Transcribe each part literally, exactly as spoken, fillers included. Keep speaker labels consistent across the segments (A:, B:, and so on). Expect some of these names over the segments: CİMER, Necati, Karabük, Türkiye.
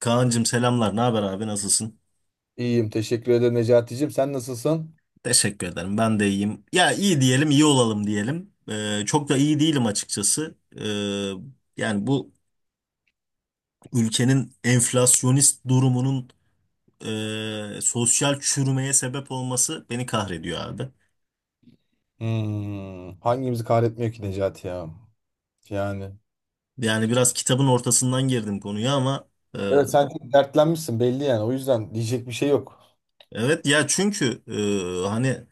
A: Kaan'cığım selamlar. Ne haber abi? Nasılsın?
B: İyiyim teşekkür ederim Necati'cim. Sen nasılsın?
A: Teşekkür ederim. Ben de iyiyim. Ya iyi diyelim, iyi olalım diyelim. Ee, çok da iyi değilim açıkçası. Ee, yani bu ülkenin enflasyonist durumunun e, sosyal çürümeye sebep olması beni kahrediyor abi.
B: Hmm, hangimizi kahretmiyor ki Necati ya? Yani.
A: Yani biraz kitabın ortasından girdim konuya ama e,
B: Evet, sen çok dertlenmişsin belli yani. O yüzden diyecek bir şey yok.
A: evet ya çünkü e, hani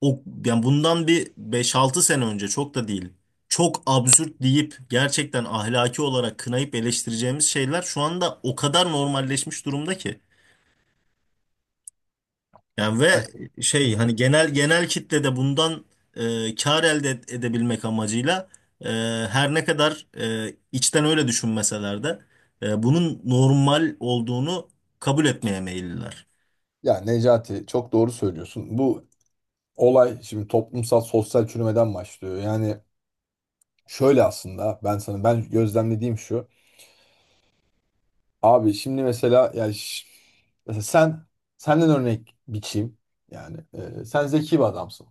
A: o yani bundan bir beş altı sene önce çok da değil. Çok absürt deyip gerçekten ahlaki olarak kınayıp eleştireceğimiz şeyler şu anda o kadar normalleşmiş durumda ki. Yani ve
B: Evet. Hı
A: şey
B: hı.
A: hani genel genel kitlede bundan e, kar elde ed- edebilmek amacıyla e, her ne kadar e, içten öyle düşünmeseler de e, bunun normal olduğunu kabul etmeye meyilliler.
B: Ya Necati, çok doğru söylüyorsun. Bu olay şimdi toplumsal sosyal çürümeden başlıyor. Yani şöyle, aslında ben sana ben gözlemlediğim şu. Abi şimdi mesela, yani ş- mesela sen senden örnek biçeyim. Yani e, sen zeki bir adamsın.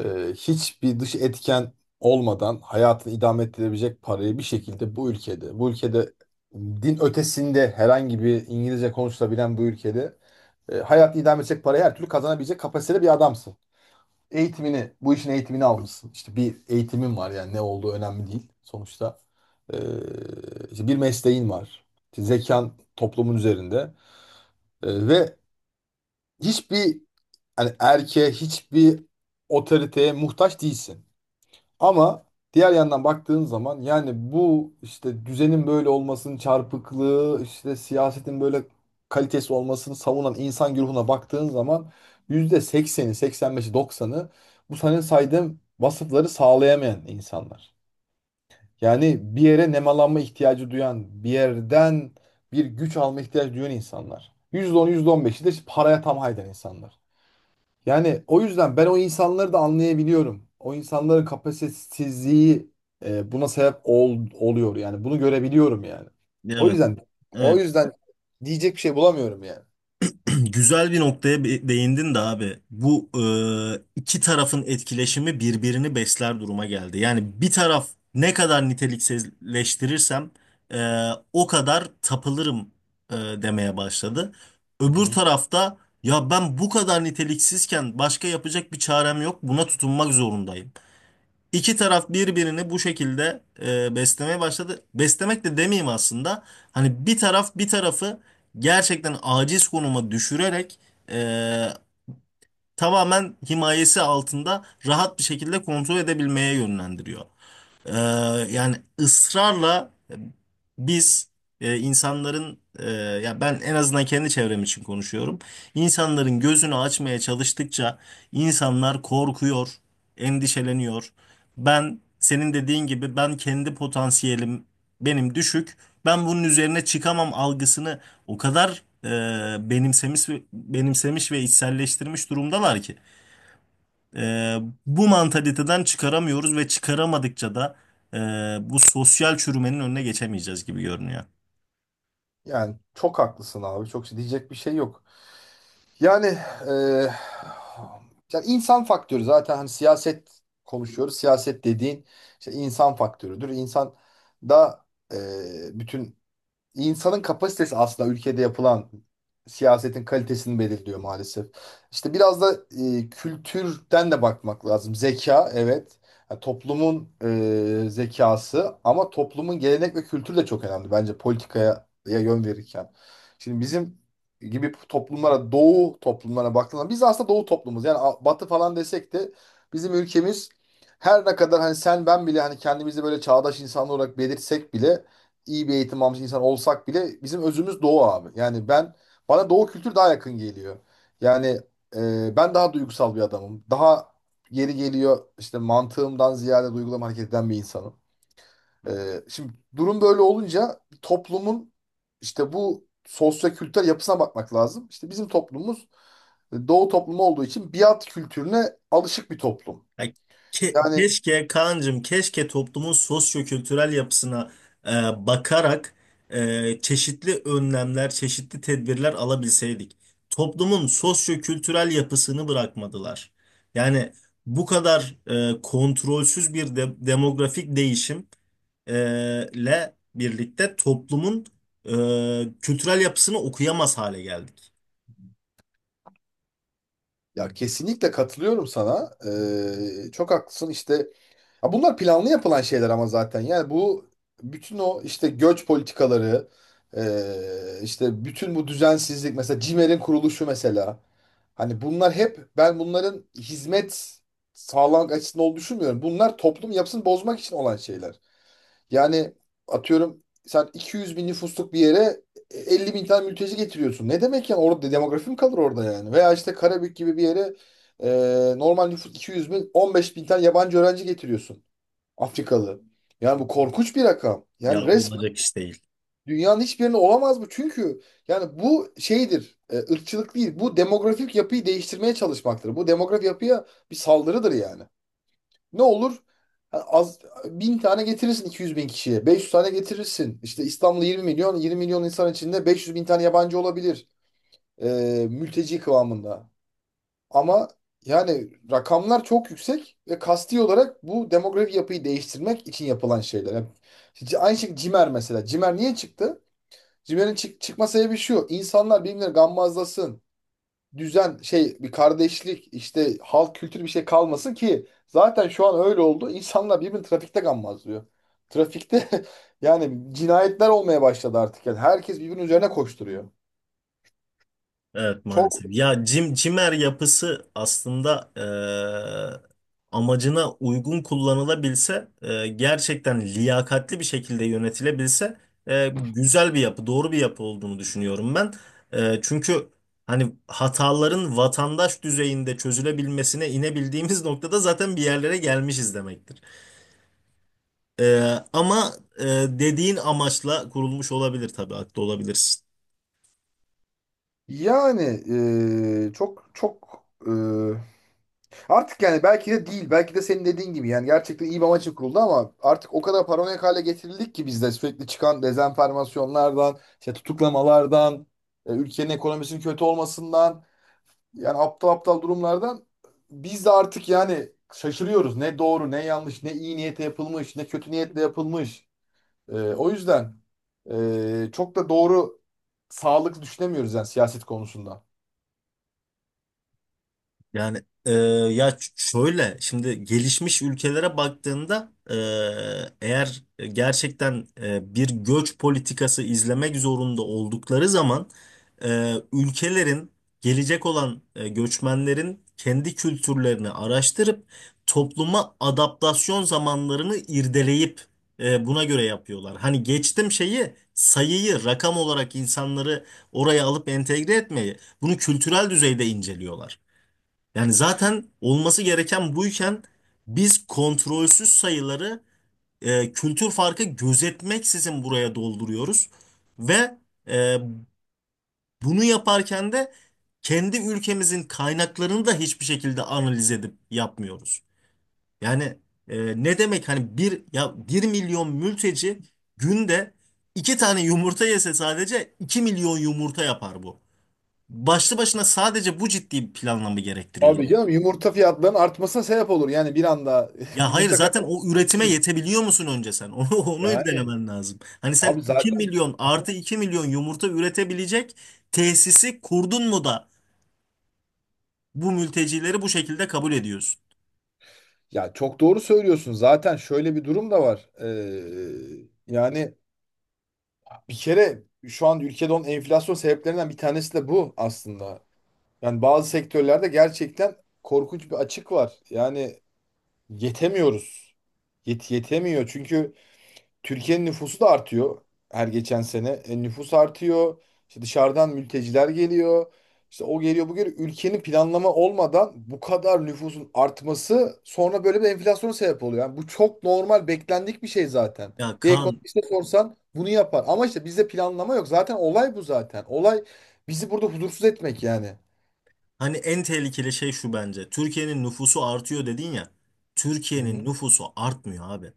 B: e, Hiçbir dış etken olmadan hayatını idame ettirebilecek parayı bir şekilde bu ülkede, bu ülkede din ötesinde herhangi bir İngilizce konuşulabilen bu ülkede e, hayatını idame edecek parayı her türlü kazanabilecek kapasitede bir adamsın. Eğitimini, bu işin eğitimini almışsın. İşte bir eğitimin var, yani ne olduğu önemli değil sonuçta. E, işte bir mesleğin var. İşte zekan toplumun üzerinde. E, ve hiçbir, yani erkeğe, hiçbir otoriteye muhtaç değilsin. Ama diğer yandan baktığın zaman, yani bu işte düzenin böyle olmasının çarpıklığı, işte siyasetin böyle kalitesi olmasını savunan insan güruhuna baktığın zaman, yüzde sekseni, seksen beşi, doksanı bu senin saydığım vasıfları sağlayamayan insanlar. Yani bir yere nemalanma ihtiyacı duyan, bir yerden bir güç alma ihtiyacı duyan insanlar. Yüzde on, yüzde on beşi de işte paraya tam hayden insanlar. Yani o yüzden ben o insanları da anlayabiliyorum. O insanların kapasitesizliği, e, buna sebep ol- oluyor yani. Bunu görebiliyorum yani. O
A: Evet.
B: yüzden o
A: Evet.
B: yüzden diyecek bir şey bulamıyorum yani.
A: Güzel bir noktaya be- değindin de abi. Bu e, iki tarafın etkileşimi birbirini besler duruma geldi. Yani bir taraf ne kadar niteliksizleştirirsem e, o kadar tapılırım e, demeye başladı.
B: Hı
A: Öbür
B: hı.
A: tarafta ya ben bu kadar niteliksizken başka yapacak bir çarem yok. Buna tutunmak zorundayım. İki taraf birbirini bu şekilde e, beslemeye başladı. Beslemek de demeyeyim aslında. Hani bir taraf bir tarafı gerçekten aciz konuma düşürerek e, tamamen himayesi altında rahat bir şekilde kontrol edebilmeye yönlendiriyor. Ee, Yani ısrarla biz e, insanların e, ya ben en azından kendi çevrem için konuşuyorum. İnsanların gözünü açmaya çalıştıkça insanlar korkuyor, endişeleniyor. Ben senin dediğin gibi ben kendi potansiyelim benim düşük. Ben bunun üzerine çıkamam algısını o kadar e, benimsemiş benimsemiş ve içselleştirmiş durumdalar ki. Ee, Bu mantaliteden çıkaramıyoruz ve çıkaramadıkça da e, bu sosyal çürümenin önüne geçemeyeceğiz gibi görünüyor.
B: Yani çok haklısın abi. Çok şey, diyecek bir şey yok. Yani, e, yani insan faktörü zaten, hani siyaset konuşuyoruz. Siyaset dediğin işte insan faktörüdür. İnsan da, e, bütün insanın kapasitesi aslında ülkede yapılan siyasetin kalitesini belirliyor maalesef. İşte biraz da e, kültürden de bakmak lazım. Zeka, evet. Yani toplumun e, zekası, ama toplumun gelenek ve kültürü de çok önemli bence politikaya ya yön verirken. Şimdi bizim gibi toplumlara, doğu toplumlara baktığında biz aslında doğu toplumuz. Yani a- batı falan desek de bizim ülkemiz, her ne kadar hani sen ben bile hani kendimizi böyle çağdaş insanlar olarak belirtsek bile, iyi bir eğitim almış insan olsak bile bizim özümüz Doğu abi. Yani ben bana Doğu kültürü daha yakın geliyor. Yani e, ben daha duygusal bir adamım. Daha, yeri geliyor işte, mantığımdan ziyade duygularımı hareket eden bir insanım. E, Şimdi durum böyle olunca toplumun işte bu sosyo-kültürel yapısına bakmak lazım. İşte bizim toplumumuz e, Doğu toplumu olduğu için biat kültürüne alışık bir toplum.
A: Ya ke-
B: Yani,
A: keşke Kaan'cığım keşke toplumun sosyo-kültürel yapısına e, bakarak e, çeşitli önlemler, çeşitli tedbirler alabilseydik. Toplumun sosyo-kültürel yapısını bırakmadılar. Yani bu kadar e, kontrolsüz bir de- demografik değişim e, le birlikte toplumun e, kültürel yapısını okuyamaz hale geldik.
B: ya kesinlikle katılıyorum sana. E, çok haklısın işte. Ya, bunlar planlı yapılan şeyler ama zaten. Yani bu, bütün o işte göç politikaları, eee, işte bütün bu düzensizlik, mesela CİMER'in kuruluşu mesela. Hani bunlar hep, ben bunların hizmet sağlamak açısından olduğunu düşünmüyorum. Bunlar toplum yapısını bozmak için olan şeyler. Yani atıyorum, sen iki yüz bin nüfusluk bir yere e, elli bin tane mülteci getiriyorsun. Ne demek yani, orada demografi mi kalır orada yani? Veya işte Karabük gibi bir yere, eee, normal nüfus iki yüz bin, on beş bin tane yabancı öğrenci getiriyorsun. Afrikalı. Yani bu korkunç bir rakam. Yani
A: Ya olacak
B: resmen
A: iş değil.
B: dünyanın hiçbir yerinde olamaz bu. Çünkü yani bu şeydir, e, ırkçılık değil. Bu demografik yapıyı değiştirmeye çalışmaktır. Bu demografik yapıya bir saldırıdır yani. Ne olur? Ha, az, bin tane getirirsin iki yüz bin kişiye. Beş yüz tane getirirsin. İşte İstanbul'da yirmi milyon, yirmi milyon insan içinde beş yüz bin tane yabancı olabilir. E, Mülteci kıvamında. Ama yani rakamlar çok yüksek ve kasti olarak bu demografik yapıyı değiştirmek için yapılan şeyler. Yani c- aynı şekilde Cimer mesela. Cimer niye çıktı? Cimer'in çık çıkma sebebi şu. İnsanlar birbirine gammazlasın. Düzen, şey bir kardeşlik, işte halk kültürü, bir şey kalmasın ki zaten şu an öyle oldu. İnsanlar birbirini trafikte gammazlıyor. Trafikte yani cinayetler olmaya başladı artık. Yani herkes birbirinin üzerine koşturuyor.
A: Evet
B: Çok
A: maalesef. Ya cim, cimer yapısı aslında eee, amacına uygun kullanılabilse, eee, gerçekten liyakatli bir şekilde yönetilebilse eee, güzel bir yapı, doğru bir yapı olduğunu düşünüyorum ben. Eee, çünkü hani hataların vatandaş düzeyinde çözülebilmesine inebildiğimiz noktada zaten bir yerlere gelmişiz demektir. Eee, ama eee, dediğin amaçla kurulmuş olabilir tabii, haklı olabilirsin.
B: yani eee, çok çok eee Artık yani belki de değil. Belki de senin dediğin gibi yani gerçekten iyi bir amaç için kuruldu, ama artık o kadar paranoyak hale getirildik ki bizde sürekli çıkan dezenformasyonlardan, işte tutuklamalardan, e, ülkenin ekonomisinin kötü olmasından, yani aptal aptal durumlardan biz de artık yani şaşırıyoruz. Ne doğru, ne yanlış, ne iyi niyetle yapılmış, ne kötü niyetle yapılmış. Ee, o yüzden ee, çok da doğru, sağlıklı düşünemiyoruz yani siyaset konusunda.
A: Yani e, ya ç- şöyle şimdi gelişmiş ülkelere baktığında e, eğer gerçekten e, bir göç politikası izlemek zorunda oldukları zaman e, ülkelerin gelecek olan e, göçmenlerin kendi kültürlerini araştırıp topluma adaptasyon zamanlarını irdeleyip e, buna göre yapıyorlar. Hani geçtim şeyi sayıyı rakam olarak insanları oraya alıp entegre etmeyi bunu kültürel düzeyde inceliyorlar. Yani zaten olması gereken buyken biz kontrolsüz sayıları e, kültür farkı gözetmeksizin buraya dolduruyoruz. Ve e, bunu yaparken de kendi ülkemizin kaynaklarını da hiçbir şekilde analiz edip yapmıyoruz. Yani e, ne demek hani bir ya bir milyon mülteci günde iki tane yumurta yese sadece iki milyon yumurta yapar bu. Başlı başına sadece bu ciddi bir planlama gerektiriyor.
B: Abi canım, yumurta fiyatlarının artmasına sebep olur. Yani bir anda
A: Ya hayır
B: yumurta
A: zaten
B: karası
A: o üretime
B: düşür.
A: yetebiliyor musun önce sen? Onu, onu
B: Yani
A: irdelemen lazım. Hani sen
B: abi
A: iki
B: zaten.
A: milyon
B: Aha.
A: artı iki milyon yumurta üretebilecek tesisi kurdun mu da bu mültecileri bu şekilde kabul ediyorsun?
B: Ya çok doğru söylüyorsun. Zaten şöyle bir durum da var. Ee, yani bir kere şu an ülkede olan enflasyon sebeplerinden bir tanesi de bu aslında. Yani bazı sektörlerde gerçekten korkunç bir açık var. Yani yetemiyoruz. Yet yetemiyor. Çünkü Türkiye'nin nüfusu da artıyor her geçen sene. E, nüfus artıyor. İşte dışarıdan mülteciler geliyor. İşte o geliyor bu geliyor. Ülkenin planlama olmadan bu kadar nüfusun artması sonra böyle bir enflasyona sebep oluyor. Yani bu çok normal, beklendik bir şey zaten.
A: Ya
B: Bir
A: Kaan
B: ekonomiste sorsan bunu yapar. Ama işte bizde planlama yok. Zaten olay bu zaten. Olay bizi burada huzursuz etmek yani.
A: hani en tehlikeli şey şu bence. Türkiye'nin nüfusu artıyor dedin ya.
B: Hı
A: Türkiye'nin
B: hı.
A: nüfusu artmıyor abi.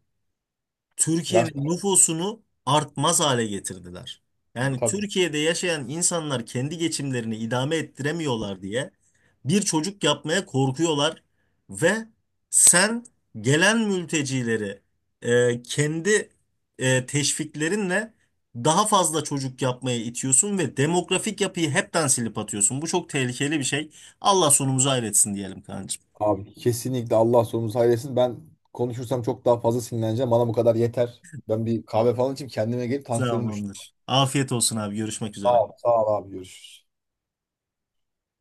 B: Ya,
A: Türkiye'nin nüfusunu artmaz hale getirdiler. Yani
B: tabii.
A: Türkiye'de yaşayan insanlar kendi geçimlerini idame ettiremiyorlar diye bir çocuk yapmaya korkuyorlar ve sen gelen mültecileri e, kendi e, teşviklerinle daha fazla çocuk yapmaya itiyorsun ve demografik yapıyı hepten silip atıyorsun. Bu çok tehlikeli bir şey. Allah sonumuzu hayretsin diyelim kancım.
B: Abi kesinlikle Allah sonumuzu hayır etsin. Ben konuşursam çok daha fazla sinirleneceğim. Bana bu kadar yeter. Ben bir kahve falan içeyim kendime gelip tansiyonum düştü.
A: Tamamdır. Afiyet olsun abi. Görüşmek üzere.
B: Sağ ol, sağ ol abi görüşürüz.